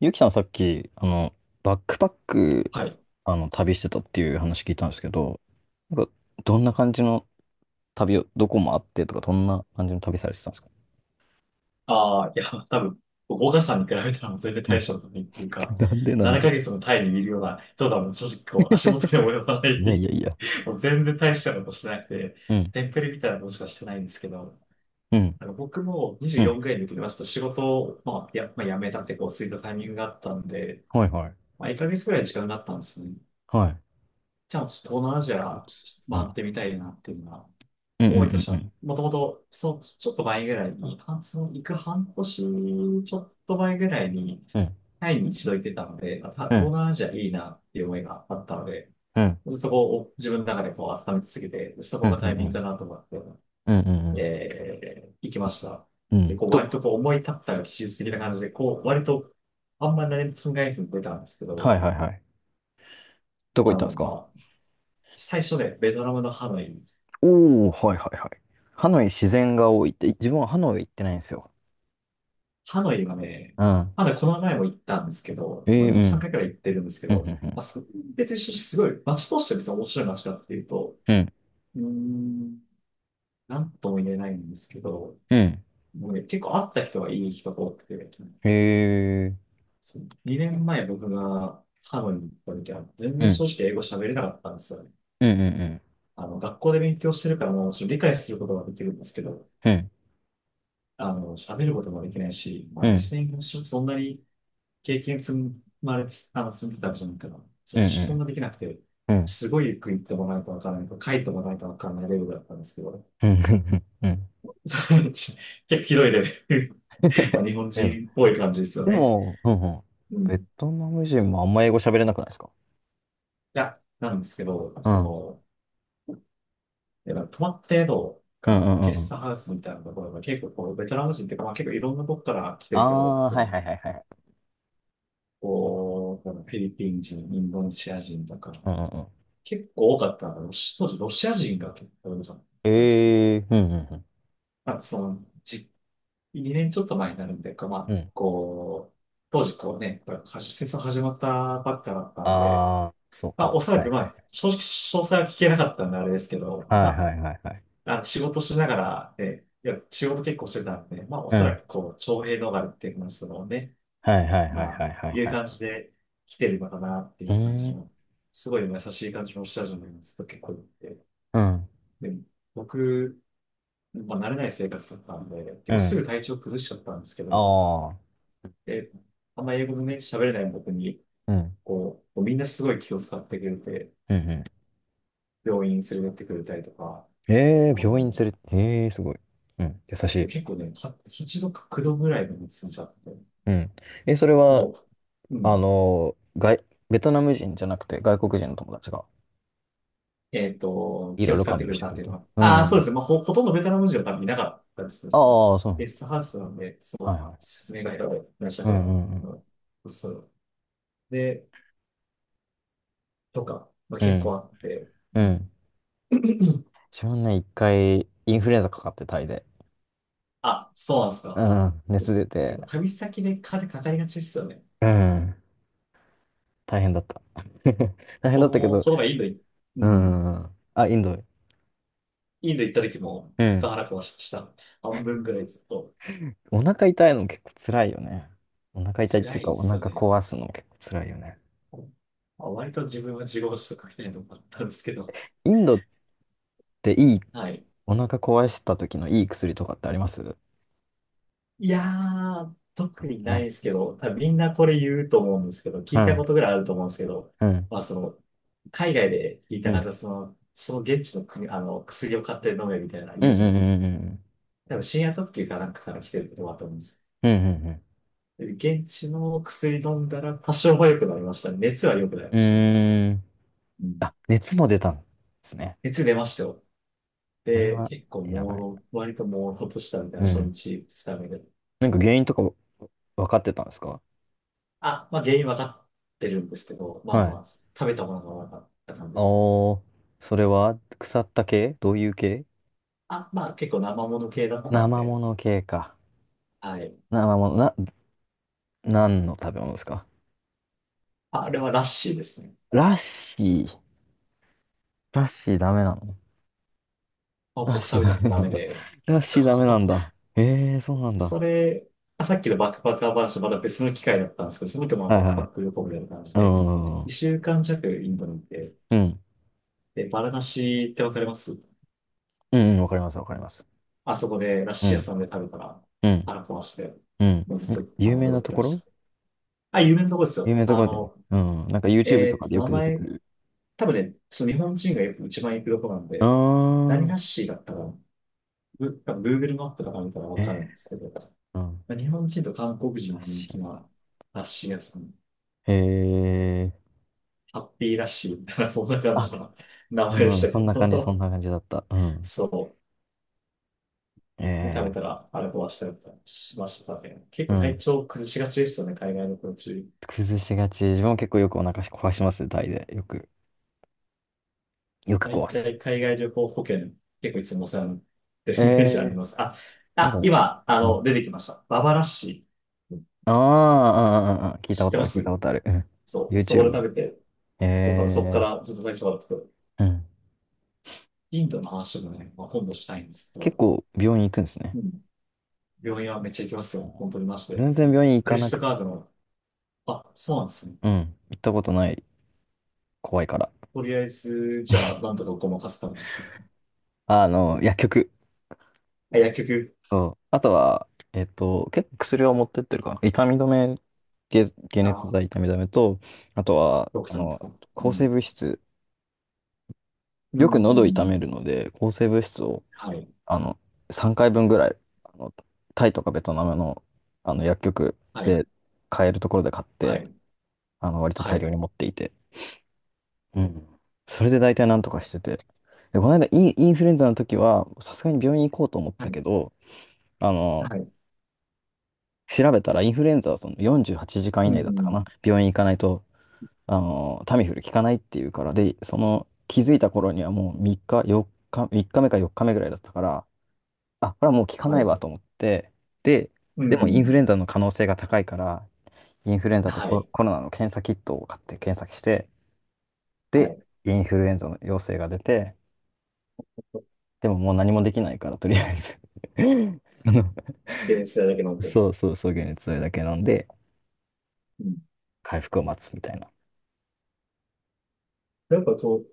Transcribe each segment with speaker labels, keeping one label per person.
Speaker 1: ゆきさんさっき、バックパック、
Speaker 2: はい。
Speaker 1: 旅してたっていう話聞いたんですけど、なんか、どんな感じの旅を、どこもあってとか、どんな感じの旅されてたんですか？
Speaker 2: ああ、いや、多分、岡さんに比べたらもう全然
Speaker 1: う
Speaker 2: 大
Speaker 1: ん。
Speaker 2: したことないっていう か、
Speaker 1: なんでなん
Speaker 2: 7
Speaker 1: で
Speaker 2: ヶ月のタイにいるような人だもん、正直こう、足元に及ばな
Speaker 1: いやい
Speaker 2: い。
Speaker 1: やいや。
Speaker 2: もう全然大したことしてなくて、
Speaker 1: うん。
Speaker 2: テンプレみたいなことしかしてないんですけど、
Speaker 1: うん。
Speaker 2: なんか僕も
Speaker 1: うん。
Speaker 2: 24ぐらいの時に、まあちょっと仕事を、まあ、まあ、辞めたってこう、過いたタイミングがあったんで、
Speaker 1: はいはい。
Speaker 2: まあ、1ヶ月ぐらい時間があったんですね。
Speaker 1: はい。
Speaker 2: じゃあ、ちょっと東南アジ
Speaker 1: ピカイ
Speaker 2: ア、
Speaker 1: チう
Speaker 2: 回
Speaker 1: ん。
Speaker 2: ってみたいなっていうのは
Speaker 1: うんう
Speaker 2: 思いと
Speaker 1: ん
Speaker 2: し
Speaker 1: う
Speaker 2: た。
Speaker 1: んう
Speaker 2: は、
Speaker 1: ん。
Speaker 2: もともと、そう、ちょっと前ぐらいに、半その行く半年、ちょっと前ぐらいに、
Speaker 1: うん。
Speaker 2: タイに一度行ってたので、まあた
Speaker 1: う
Speaker 2: 東
Speaker 1: ん。
Speaker 2: 南アジアいいなっていう思いがあったので、
Speaker 1: うん
Speaker 2: ずっとこう、自分の中でこう、温め続けて、そ
Speaker 1: う
Speaker 2: こ
Speaker 1: ん
Speaker 2: がタイ
Speaker 1: う
Speaker 2: ミングか
Speaker 1: ん。
Speaker 2: なと思って、
Speaker 1: うんうんうん。
Speaker 2: 行きました。
Speaker 1: う
Speaker 2: で、
Speaker 1: ん。
Speaker 2: こう、割とこう、思い立ったら技術的な感じで、こう、割と、あんまり何も考えずに出たんですけど、
Speaker 1: はいはいはい。どこ
Speaker 2: あ
Speaker 1: 行ったんで
Speaker 2: の、
Speaker 1: すか？
Speaker 2: まあ、最初で、ベトナムのハノイ。
Speaker 1: おー、はいはいはい。ハノイ自然が多いって、自分はハノイ行ってないんですよ。
Speaker 2: ハノイはね、
Speaker 1: うん。
Speaker 2: まだこの前も行ったんですけ
Speaker 1: え
Speaker 2: ど、ま
Speaker 1: ー、う
Speaker 2: あ、3
Speaker 1: ん。
Speaker 2: 回くらい行ってるんですけ
Speaker 1: うん、う
Speaker 2: ど、
Speaker 1: ん、
Speaker 2: まあ、別にすごい、街として別に面白い街かっていうと、
Speaker 1: うん、
Speaker 2: うーん、なんとも言えないんですけど、
Speaker 1: うん、うん。
Speaker 2: もうね、結構会った人はいい人が多くて、
Speaker 1: へえ。
Speaker 2: 2年前僕がハノイに行った時は、全
Speaker 1: う
Speaker 2: 然
Speaker 1: ん、
Speaker 2: 正直英語喋れなかったんですよね。
Speaker 1: うん、うん、うん、
Speaker 2: あの、学校で勉強してるからもちろん理解することができるんですけど、
Speaker 1: うん、
Speaker 2: あの、喋ることもできないし、ま
Speaker 1: う
Speaker 2: あ、リス
Speaker 1: ん、
Speaker 2: ニングもそんなに経験積まれつ、あの、積んでたわけじゃないから、ち
Speaker 1: う
Speaker 2: ょっとそん
Speaker 1: ん、
Speaker 2: なできなくて、
Speaker 1: うん、
Speaker 2: すごいゆっくり行ってもらわないとわからないと、書いてもらわないとわからないレベルだったんですけど、
Speaker 1: うん、うん。
Speaker 2: 結構ひどいレベル。まあ、日本人っ
Speaker 1: え、
Speaker 2: ぽい感じですよ
Speaker 1: で
Speaker 2: ね。
Speaker 1: も、うんうん。
Speaker 2: うん。
Speaker 1: ベ
Speaker 2: い
Speaker 1: トナム人もあんま英語喋れなくないですか？
Speaker 2: や、なんですけど、
Speaker 1: う
Speaker 2: そ
Speaker 1: ん、うん、
Speaker 2: の、やっぱ泊まった宿
Speaker 1: うん、う
Speaker 2: がゲ
Speaker 1: んう
Speaker 2: ス
Speaker 1: ん。
Speaker 2: トハウスみたいなところが結構こう、ベトナム人っていうか、まあ、結構いろんなとこから来て
Speaker 1: あ
Speaker 2: る人が多く
Speaker 1: あ、
Speaker 2: て、
Speaker 1: はいはいはいはい。
Speaker 2: こう、フィリピン人、インドネシア人とか、
Speaker 1: うんうんうん。
Speaker 2: 結構多かったのが当時ロシア人が結構多かったですね。
Speaker 1: ええ、うん、うん、うん。
Speaker 2: まあ、その、2年ちょっと前になるんでか、こう
Speaker 1: う
Speaker 2: まあ、
Speaker 1: ん。
Speaker 2: こう、当時こうね、これ、はし戦争始まったばっかだったんで、
Speaker 1: ああ、そう
Speaker 2: まあ、お
Speaker 1: か。
Speaker 2: そら
Speaker 1: は
Speaker 2: く、
Speaker 1: い
Speaker 2: ま
Speaker 1: は
Speaker 2: あ、
Speaker 1: い。
Speaker 2: 正直、詳細は聞けなかったんであれですけど、
Speaker 1: はい
Speaker 2: ま
Speaker 1: はいはいはい。
Speaker 2: あ、仕事しながら、ね、いや、仕事結構してたんで、まあ、お
Speaker 1: う
Speaker 2: そら
Speaker 1: ん。
Speaker 2: く、こう、徴兵逃れっていうのは、そのね、
Speaker 1: はいはいはい
Speaker 2: ま
Speaker 1: はい
Speaker 2: あ、
Speaker 1: は
Speaker 2: い
Speaker 1: い
Speaker 2: う
Speaker 1: はい。
Speaker 2: 感じで来てるのかなってい
Speaker 1: うー
Speaker 2: う感じ
Speaker 1: ん。
Speaker 2: の、すごい優しい感じの下地のずっと結構いて、
Speaker 1: うん。
Speaker 2: で、僕、まあ、慣れない生活だったんで、結
Speaker 1: う
Speaker 2: 構す
Speaker 1: ん。
Speaker 2: ぐ体調崩しちゃったんですけ
Speaker 1: あ
Speaker 2: ど、
Speaker 1: あ。
Speaker 2: で、あんま英語のね、喋れない僕に、
Speaker 1: うん。
Speaker 2: こう、みんなすごい気を使ってくれて、
Speaker 1: うん。うん。
Speaker 2: 病院連れてってくれたりとか、
Speaker 1: ええ、
Speaker 2: あ
Speaker 1: 病院
Speaker 2: の、
Speaker 1: 連れて、ええすごい。うん、優し
Speaker 2: そう
Speaker 1: い。
Speaker 2: 結構ね、一度か九度ぐらいまで進んじちゃって、
Speaker 1: うん。え、それは、
Speaker 2: もう、う
Speaker 1: あ
Speaker 2: ん、
Speaker 1: の、外、ベトナム人じゃなくて外国人の友達がい
Speaker 2: 気
Speaker 1: ろい
Speaker 2: を
Speaker 1: ろ
Speaker 2: 使
Speaker 1: 看
Speaker 2: ってく
Speaker 1: 病し
Speaker 2: れ
Speaker 1: て
Speaker 2: た
Speaker 1: く
Speaker 2: っ
Speaker 1: れ
Speaker 2: ていう
Speaker 1: た。
Speaker 2: のは。
Speaker 1: う
Speaker 2: ああ、そう
Speaker 1: ん。
Speaker 2: ですね。まあ、ほとんどベトナム人は多分いなかったですね。その
Speaker 1: ああ、そ
Speaker 2: ゲス
Speaker 1: う。
Speaker 2: トハウスなんで、
Speaker 1: は
Speaker 2: そ
Speaker 1: い
Speaker 2: う、
Speaker 1: はい。
Speaker 2: 説明がいらっしゃっ
Speaker 1: う
Speaker 2: てなた。
Speaker 1: んうん
Speaker 2: うん。そう。で、とか、まあ、
Speaker 1: う
Speaker 2: 結構
Speaker 1: ん。
Speaker 2: あって、
Speaker 1: う
Speaker 2: う
Speaker 1: ん。う
Speaker 2: ん。
Speaker 1: ん。自分ね、一回インフルエンザかかってタイで。
Speaker 2: あ、そうなんです
Speaker 1: う
Speaker 2: か。
Speaker 1: ん。熱出て。
Speaker 2: 結構旅先で風かかりがちですよね。
Speaker 1: うん。大変だった。大変だ
Speaker 2: 僕
Speaker 1: ったけ
Speaker 2: も、
Speaker 1: ど。
Speaker 2: この前う
Speaker 1: う
Speaker 2: ん、
Speaker 1: ん。あ、インドへ。
Speaker 2: インド行った時も
Speaker 1: う
Speaker 2: ずっ
Speaker 1: ん。
Speaker 2: と腹壊しました。半分ぐらいずっと。
Speaker 1: お腹痛いの結構辛いよね。お腹痛いってい
Speaker 2: 辛
Speaker 1: う
Speaker 2: い
Speaker 1: か、
Speaker 2: で
Speaker 1: お
Speaker 2: す
Speaker 1: 腹
Speaker 2: よね。
Speaker 1: 壊すの結構辛いよね。
Speaker 2: あ、割と自分は自業自得みたいなのもあったんですけど。
Speaker 1: インドっていい、
Speaker 2: はい。
Speaker 1: お腹壊した時のいい薬とかってあります？
Speaker 2: いやー、特に
Speaker 1: な
Speaker 2: ない
Speaker 1: い。
Speaker 2: ですけど、多分みんなこれ言うと思うんですけど、聞
Speaker 1: う
Speaker 2: いた
Speaker 1: ん、
Speaker 2: ことぐらいあると思うんですけど、
Speaker 1: うん、
Speaker 2: まあその、海外で聞い
Speaker 1: う
Speaker 2: た
Speaker 1: ん、う
Speaker 2: 感
Speaker 1: ん、
Speaker 2: じは、その現地の国、あの、薬を買って飲めみたいなの
Speaker 1: うん、
Speaker 2: 言う
Speaker 1: う
Speaker 2: じゃないですか。
Speaker 1: ん、うん、
Speaker 2: 多分深夜特急かなんかから来てることだと思うんです
Speaker 1: うん、うん、う
Speaker 2: よ。で現地の薬飲んだら多少は良くなりましたね。熱は良くなり
Speaker 1: ん。
Speaker 2: ましたね。
Speaker 1: うーん。
Speaker 2: うん。
Speaker 1: あ、熱も出たんですね。
Speaker 2: 熱出ましたよ。
Speaker 1: それ
Speaker 2: で、
Speaker 1: は、
Speaker 2: 結構朦
Speaker 1: やばい。
Speaker 2: 朧、割と朦朧としたみたい
Speaker 1: う
Speaker 2: な初
Speaker 1: ん。
Speaker 2: 日、二日目で。
Speaker 1: なんか原因とか分かってたんですか？
Speaker 2: あ、まあ原因分かってるんですけど、まあ
Speaker 1: は
Speaker 2: ま
Speaker 1: い。
Speaker 2: あ、食べたものがなかった感じですね。
Speaker 1: おー、それは、腐った系？どういう系？
Speaker 2: あ、まあ結構生もの系だったの
Speaker 1: 生も
Speaker 2: で、
Speaker 1: の系か。
Speaker 2: はい。
Speaker 1: 生もの、な、何の食べ物ですか？
Speaker 2: ああれはラッシーですね。
Speaker 1: ラッシー。ラッシーダメなの？
Speaker 2: あ、
Speaker 1: ラッ
Speaker 2: 僕
Speaker 1: シー
Speaker 2: 食べたや
Speaker 1: ダ
Speaker 2: つ
Speaker 1: メ
Speaker 2: ダ
Speaker 1: なん
Speaker 2: メ
Speaker 1: だ。
Speaker 2: で、
Speaker 1: ラッ
Speaker 2: そ
Speaker 1: シーダメなん
Speaker 2: う。
Speaker 1: だ。ええー、そうなんだ。
Speaker 2: それ、あさっきのバックパッカー話とまだ別の機会だったんですけど、その時もまあ
Speaker 1: はい
Speaker 2: バック
Speaker 1: は
Speaker 2: パッ
Speaker 1: い。
Speaker 2: ク旅行みたいな感じ
Speaker 1: う
Speaker 2: で、
Speaker 1: ん。うん。
Speaker 2: 2週間弱インドに行って、
Speaker 1: うん、
Speaker 2: で、バラナシってわかります？
Speaker 1: うん、わかります、わかります。
Speaker 2: あそこでラッ
Speaker 1: う
Speaker 2: シー屋
Speaker 1: ん。
Speaker 2: さんで食べたら
Speaker 1: うん。
Speaker 2: 腹壊して、
Speaker 1: うん。
Speaker 2: もうずっと、あ
Speaker 1: 有
Speaker 2: の、
Speaker 1: 名
Speaker 2: 戻
Speaker 1: な
Speaker 2: っ
Speaker 1: と
Speaker 2: てま
Speaker 1: ころ？
Speaker 2: した。あ、有名なとこです
Speaker 1: 有
Speaker 2: よ。
Speaker 1: 名なと
Speaker 2: あ
Speaker 1: ころだよね。
Speaker 2: の、
Speaker 1: うん。なんか YouTube とかでよ
Speaker 2: 名
Speaker 1: く出てく
Speaker 2: 前、
Speaker 1: る。
Speaker 2: 多分ね、その日本人がよく一番行くとこなん
Speaker 1: うー
Speaker 2: で、何ラ
Speaker 1: ん。
Speaker 2: ッシーだったかな、多分 Google マップとか見たらわか
Speaker 1: え
Speaker 2: るんですけど、
Speaker 1: ー、うん。
Speaker 2: 日本人と韓国人
Speaker 1: ラ
Speaker 2: に
Speaker 1: ッ
Speaker 2: 人
Speaker 1: シ
Speaker 2: 気
Speaker 1: ー。
Speaker 2: なラッシー屋さん。
Speaker 1: へえ。
Speaker 2: ハッピーラッシュみたいな、そんな感
Speaker 1: あ、
Speaker 2: じの名前でし
Speaker 1: うん。
Speaker 2: た
Speaker 1: そ
Speaker 2: け
Speaker 1: んな感じ、そん
Speaker 2: ど、
Speaker 1: な感じだった。う ん。
Speaker 2: そう。で、食
Speaker 1: え
Speaker 2: べた
Speaker 1: え
Speaker 2: らあれ壊したりとかしましたね。結
Speaker 1: ー。う
Speaker 2: 構体
Speaker 1: ん。
Speaker 2: 調崩しがちですよね、海外の途中。
Speaker 1: 崩しがち。自分も結構よくお腹壊しますね、タイで。よく。よく
Speaker 2: 大
Speaker 1: 壊す。
Speaker 2: 体海外旅行保険、結構いつもお世話になって
Speaker 1: え
Speaker 2: るイメージあり
Speaker 1: えー。
Speaker 2: ます。
Speaker 1: まだ。
Speaker 2: 今、あ
Speaker 1: う
Speaker 2: の、
Speaker 1: ん。
Speaker 2: 出てきました。ババラッシー。
Speaker 1: ああ、ああ、ああ聞いた
Speaker 2: 知っ
Speaker 1: こ
Speaker 2: て
Speaker 1: とあ
Speaker 2: ま
Speaker 1: る、聞いた
Speaker 2: す？
Speaker 1: ことある。うん。
Speaker 2: そう、そこで
Speaker 1: YouTube ね。
Speaker 2: 食べて、そう、多分そこか
Speaker 1: え
Speaker 2: らずっと体調悪くて。
Speaker 1: ー、うん。
Speaker 2: インドの話もね、まあ、今度したいんですけ
Speaker 1: 結
Speaker 2: ど、
Speaker 1: 構病院行くんですね。
Speaker 2: うん。病院はめっちゃ行きますよ。本当にマジ
Speaker 1: う
Speaker 2: で。
Speaker 1: ん、全然病院行
Speaker 2: ク
Speaker 1: か
Speaker 2: レジ
Speaker 1: な
Speaker 2: ット
Speaker 1: く、
Speaker 2: カードの。あ、そうなんですね。
Speaker 1: うん。行ったことない。怖いから。
Speaker 2: とりあえず、じゃあ、なんとかごまかす感じですね。
Speaker 1: あの、薬局。
Speaker 2: あ、薬局、
Speaker 1: そう。あとは、結構薬を持ってってるかな。痛み止め、解熱
Speaker 2: あ、
Speaker 1: 剤、痛み止めと、あとは、
Speaker 2: 奥
Speaker 1: あ
Speaker 2: さんと
Speaker 1: の、
Speaker 2: か。う
Speaker 1: 抗
Speaker 2: ん。
Speaker 1: 生物質。
Speaker 2: う
Speaker 1: よく喉痛め
Speaker 2: ん。
Speaker 1: るので、抗生物質を、
Speaker 2: はい。
Speaker 1: あの、3回分ぐらい、あの、タイとかベトナムの、あの、薬局
Speaker 2: はい。
Speaker 1: で買えるところで買っ
Speaker 2: は
Speaker 1: て、
Speaker 2: い。
Speaker 1: あの、割と
Speaker 2: は
Speaker 1: 大量
Speaker 2: い。
Speaker 1: に持っていて。うん。それで大体なんとかしてて。で、この間イン、インフルエンザの時は、さすがに病院行こうと思っ
Speaker 2: は
Speaker 1: たけ
Speaker 2: い。
Speaker 1: ど、あの、
Speaker 2: はい。
Speaker 1: 調べたらインフルエンザはその48時間以
Speaker 2: う
Speaker 1: 内だったか
Speaker 2: ん。
Speaker 1: な。病院行かないと、あの、タミフル効かないっていうから、で、その、気づいた頃にはもう3日、4日、3日目か4日目ぐらいだったから、あ、これはもう効か
Speaker 2: は
Speaker 1: ない
Speaker 2: い。
Speaker 1: わと思って、で、
Speaker 2: う
Speaker 1: でもインフル
Speaker 2: ん。
Speaker 1: エンザの可能性が高いから、インフルエンザと
Speaker 2: は
Speaker 1: コ、
Speaker 2: い。
Speaker 1: コロナの検査キットを買って検索して、
Speaker 2: は
Speaker 1: で、
Speaker 2: い。
Speaker 1: インフルエンザの陽性が出て、でももう何もできないから、とりあえず、 あの、
Speaker 2: で、それだけ飲んでるか
Speaker 1: そう
Speaker 2: ら。
Speaker 1: そうそう、解熱剤だけ飲んで、
Speaker 2: うん。
Speaker 1: 回復を待つみたいな。
Speaker 2: やっぱこ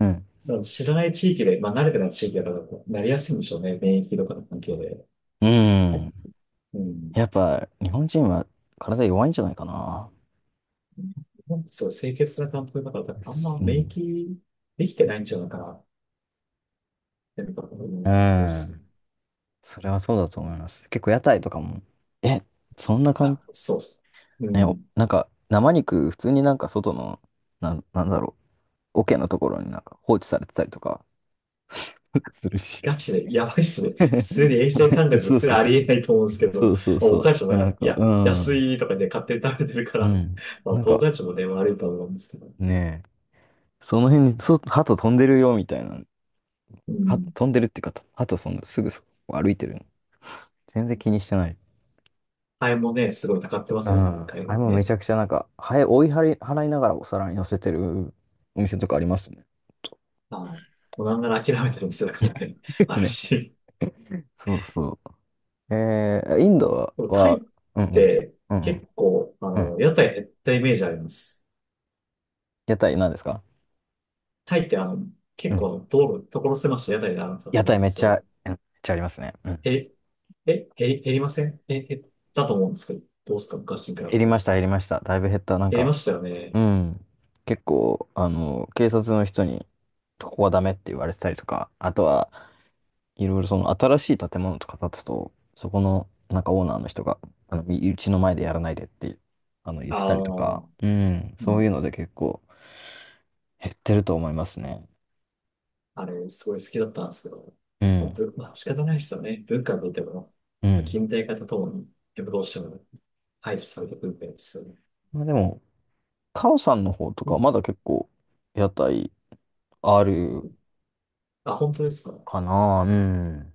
Speaker 1: うん。
Speaker 2: う、なんか知らない地域で、まあ、慣れてない地域だから、なりやすいんでしょうね。免疫とかの環境で。
Speaker 1: うーん。
Speaker 2: うん。
Speaker 1: やっぱ、日本人は体弱いんじゃないかな。
Speaker 2: そう、清潔な環境だから、多分あんま
Speaker 1: う
Speaker 2: 免
Speaker 1: ん。
Speaker 2: 疫できてないんじゃないかなって、なんか
Speaker 1: う
Speaker 2: 思うっすね。
Speaker 1: ん。それはそうだと思います。結構屋台とかも、え、そんな感
Speaker 2: あ、そうっす。う
Speaker 1: ね、
Speaker 2: ん。
Speaker 1: なんか生肉、普通になんか外の、なんだろう、桶のところになんか放置されてたりとか、 するし。
Speaker 2: ガチで、やばいっすね。普通に衛生感 覚の
Speaker 1: そう
Speaker 2: す
Speaker 1: そう
Speaker 2: らあ
Speaker 1: そう。
Speaker 2: りえないと思うんですけど、
Speaker 1: そ
Speaker 2: ま
Speaker 1: うそう
Speaker 2: あお母
Speaker 1: そ
Speaker 2: ちゃんも
Speaker 1: う。なん
Speaker 2: い
Speaker 1: か、
Speaker 2: や、
Speaker 1: う
Speaker 2: 安
Speaker 1: ん。
Speaker 2: いとかで勝手に食べてるか
Speaker 1: う
Speaker 2: ら、
Speaker 1: ん。
Speaker 2: まあ、
Speaker 1: なん
Speaker 2: お
Speaker 1: か
Speaker 2: 母ちゃんもね、悪いと思うんですけど。
Speaker 1: ね、その辺に鳩飛んでるよみたいな。
Speaker 2: うん。
Speaker 1: 飛んでるっていうか、鳩そのすぐそこ歩いてるの。全然気にしてない。
Speaker 2: ハエもね、すごい高ってま
Speaker 1: うん。
Speaker 2: すもんね、海
Speaker 1: あれ
Speaker 2: 外
Speaker 1: もめ
Speaker 2: ね。
Speaker 1: ちゃくちゃなんか、ハエ追い払い、払いながらお皿に乗せてるお店とかありますね。
Speaker 2: はい。もうなんなら諦めてる店だもね、ある
Speaker 1: ね。
Speaker 2: し。
Speaker 1: そうそう。えー、インド
Speaker 2: でもタイ
Speaker 1: は、
Speaker 2: っ
Speaker 1: うんうん、
Speaker 2: て
Speaker 1: うん
Speaker 2: 結構、あ
Speaker 1: うん、う
Speaker 2: の、
Speaker 1: ん。
Speaker 2: 屋台減ったイメージあります。
Speaker 1: 屋台何ですか？
Speaker 2: タイってあの、
Speaker 1: う
Speaker 2: 結
Speaker 1: ん。
Speaker 2: 構道路、所狭しと屋台があるんだと
Speaker 1: 屋
Speaker 2: 思う
Speaker 1: 台
Speaker 2: んで
Speaker 1: めっ
Speaker 2: す
Speaker 1: ちゃ、
Speaker 2: よ。
Speaker 1: うん、めっちゃありますね。うん。
Speaker 2: 平え、減り、減りませんえ、減ったと思うんですけど、どうですか昔に比べ
Speaker 1: 減りまし
Speaker 2: て。
Speaker 1: た、減りました。だいぶ減った。なん
Speaker 2: 減り
Speaker 1: か、
Speaker 2: ましたよ
Speaker 1: う
Speaker 2: ね。
Speaker 1: ん。結構、あの、警察の人に、ここはダメって言われてたりとか、あとは、いろいろその新しい建物とか建つと、そこの、なんかオーナーの人が、あの、みうちの前でやらないでって、あの、言っ
Speaker 2: あ
Speaker 1: てたりとか、
Speaker 2: あ、
Speaker 1: うん。
Speaker 2: う
Speaker 1: そ
Speaker 2: ん。
Speaker 1: ういうので結構減ってると思いますね。
Speaker 2: あれ、すごい好きだったんですけど、
Speaker 1: う
Speaker 2: まあ、
Speaker 1: ん。
Speaker 2: まあ、仕方ないですよね。文化にとっても、
Speaker 1: う
Speaker 2: まあ、
Speaker 1: ん。
Speaker 2: 近代化とともに、やっぱどうしても排除されてくるんですよね。
Speaker 1: まあでも、カオさんの方とか、まだ
Speaker 2: ん。
Speaker 1: 結構、屋台ある
Speaker 2: あ、本当ですか？
Speaker 1: かな。うん。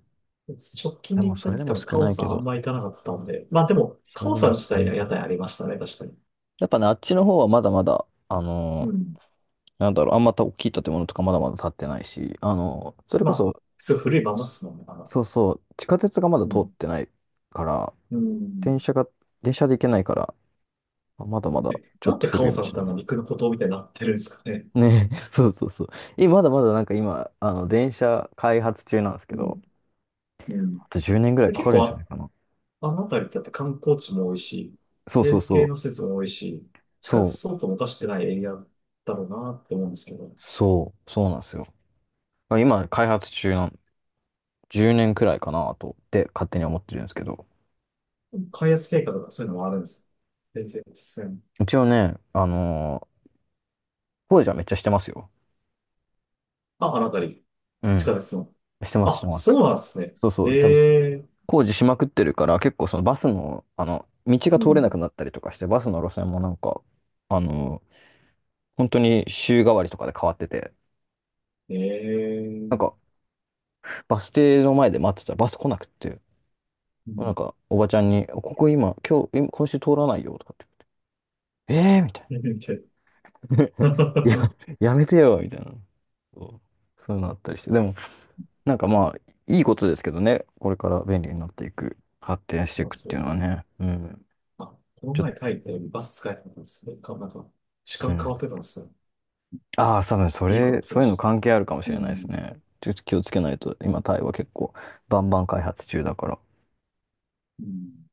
Speaker 2: 直近
Speaker 1: で
Speaker 2: で
Speaker 1: も、
Speaker 2: 行った
Speaker 1: それで
Speaker 2: 時多
Speaker 1: も
Speaker 2: 分
Speaker 1: 少
Speaker 2: カオ
Speaker 1: ない
Speaker 2: さ
Speaker 1: け
Speaker 2: んあん
Speaker 1: ど、
Speaker 2: ま行かなかったんで、まあでも、
Speaker 1: そ
Speaker 2: カ
Speaker 1: れ
Speaker 2: オ
Speaker 1: で
Speaker 2: さ
Speaker 1: も
Speaker 2: ん
Speaker 1: 少
Speaker 2: 自体
Speaker 1: ない
Speaker 2: は
Speaker 1: け
Speaker 2: 屋
Speaker 1: ど。
Speaker 2: 台ありましたね、確かに。
Speaker 1: やっぱね、あっちの方はまだまだ、あ
Speaker 2: う
Speaker 1: のー、
Speaker 2: ん。
Speaker 1: なんだろう、あんまた大きい建物とかまだまだ建ってないし、あのーそれ
Speaker 2: ま
Speaker 1: こ
Speaker 2: あ、
Speaker 1: そ、
Speaker 2: すごい古いまんまっすもんね、あの。
Speaker 1: そうそう、地下鉄がまだ
Speaker 2: う
Speaker 1: 通
Speaker 2: ん。
Speaker 1: ってないから、
Speaker 2: う
Speaker 1: 電
Speaker 2: ん。
Speaker 1: 車が、電車で行けないから、まだ
Speaker 2: そ
Speaker 1: ま
Speaker 2: う
Speaker 1: だ
Speaker 2: ね。
Speaker 1: ちょ
Speaker 2: な
Speaker 1: っ
Speaker 2: ん
Speaker 1: と
Speaker 2: でカ
Speaker 1: 古い
Speaker 2: オ
Speaker 1: も
Speaker 2: さんっ
Speaker 1: し
Speaker 2: てあん
Speaker 1: な
Speaker 2: な
Speaker 1: い。
Speaker 2: 陸の孤島みたいになってるんですかね。
Speaker 1: ね、そうそうそう。え、まだまだなんか今、あの、電車開発中なんですけ
Speaker 2: う
Speaker 1: ど、
Speaker 2: ん。うん。
Speaker 1: あと10年ぐらい
Speaker 2: で、
Speaker 1: か
Speaker 2: 結
Speaker 1: かる
Speaker 2: 構
Speaker 1: んじゃないかな。
Speaker 2: あの辺りだって観光地も多いし、
Speaker 1: そうそう
Speaker 2: 政府
Speaker 1: そ
Speaker 2: 系
Speaker 1: う。
Speaker 2: の施設も多いし、地下鉄
Speaker 1: そう。
Speaker 2: 相当もおかしくないエリアだろうなって思うんですけど、
Speaker 1: そう。そうなんですよ。今、開発中なん、10年くらいかなと、って勝手に思ってるんですけど。
Speaker 2: 開発計画とかそういうのもあるんです。全然ですね。
Speaker 1: 一応ね、あのー、工事はめっちゃしてますよ。
Speaker 2: あ、あの辺り、
Speaker 1: う
Speaker 2: 地
Speaker 1: ん。
Speaker 2: 下鉄の。
Speaker 1: してます、して
Speaker 2: あ、
Speaker 1: ま
Speaker 2: そ
Speaker 1: す。
Speaker 2: うなんですね。
Speaker 1: そうそう。でも、
Speaker 2: ええ、
Speaker 1: 工事しまくってるから、結構そのバスの、あの、道が
Speaker 2: う
Speaker 1: 通れなく
Speaker 2: ん。
Speaker 1: なったりとかして、バスの路線もなんか、あのー、本当に週替わりとかで変わってて、
Speaker 2: え
Speaker 1: なんか、
Speaker 2: え、
Speaker 1: バス停の前で待ってたらバス来なくって、
Speaker 2: う
Speaker 1: なん
Speaker 2: ん。
Speaker 1: か、おばちゃんに、ここ今、今日、今今週通らないよとかって、えーみたいな。いや、やめてよ、みたいな。そう、そういうのあったりして。でも、なんかまあ、いいことですけどね。これから便利になっていく、発展してい
Speaker 2: まあ
Speaker 1: くっ
Speaker 2: そ
Speaker 1: て
Speaker 2: う
Speaker 1: いう
Speaker 2: で
Speaker 1: のは
Speaker 2: す。
Speaker 1: ね。うん。
Speaker 2: あ、この
Speaker 1: ちょっ
Speaker 2: 前
Speaker 1: と、
Speaker 2: タイでバス使えなかったんですね。なんか、時
Speaker 1: う
Speaker 2: 間変
Speaker 1: ん。
Speaker 2: わってたんですよ。
Speaker 1: ああ、多分そ
Speaker 2: いいこと
Speaker 1: れ、
Speaker 2: 聞き
Speaker 1: そ
Speaker 2: ま
Speaker 1: ういう
Speaker 2: し
Speaker 1: の
Speaker 2: た。
Speaker 1: 関係あるかもし
Speaker 2: う
Speaker 1: れないです
Speaker 2: ん。
Speaker 1: ね。ちょっと気をつけないと、今、タイは結構、バンバン開発中だから。
Speaker 2: うん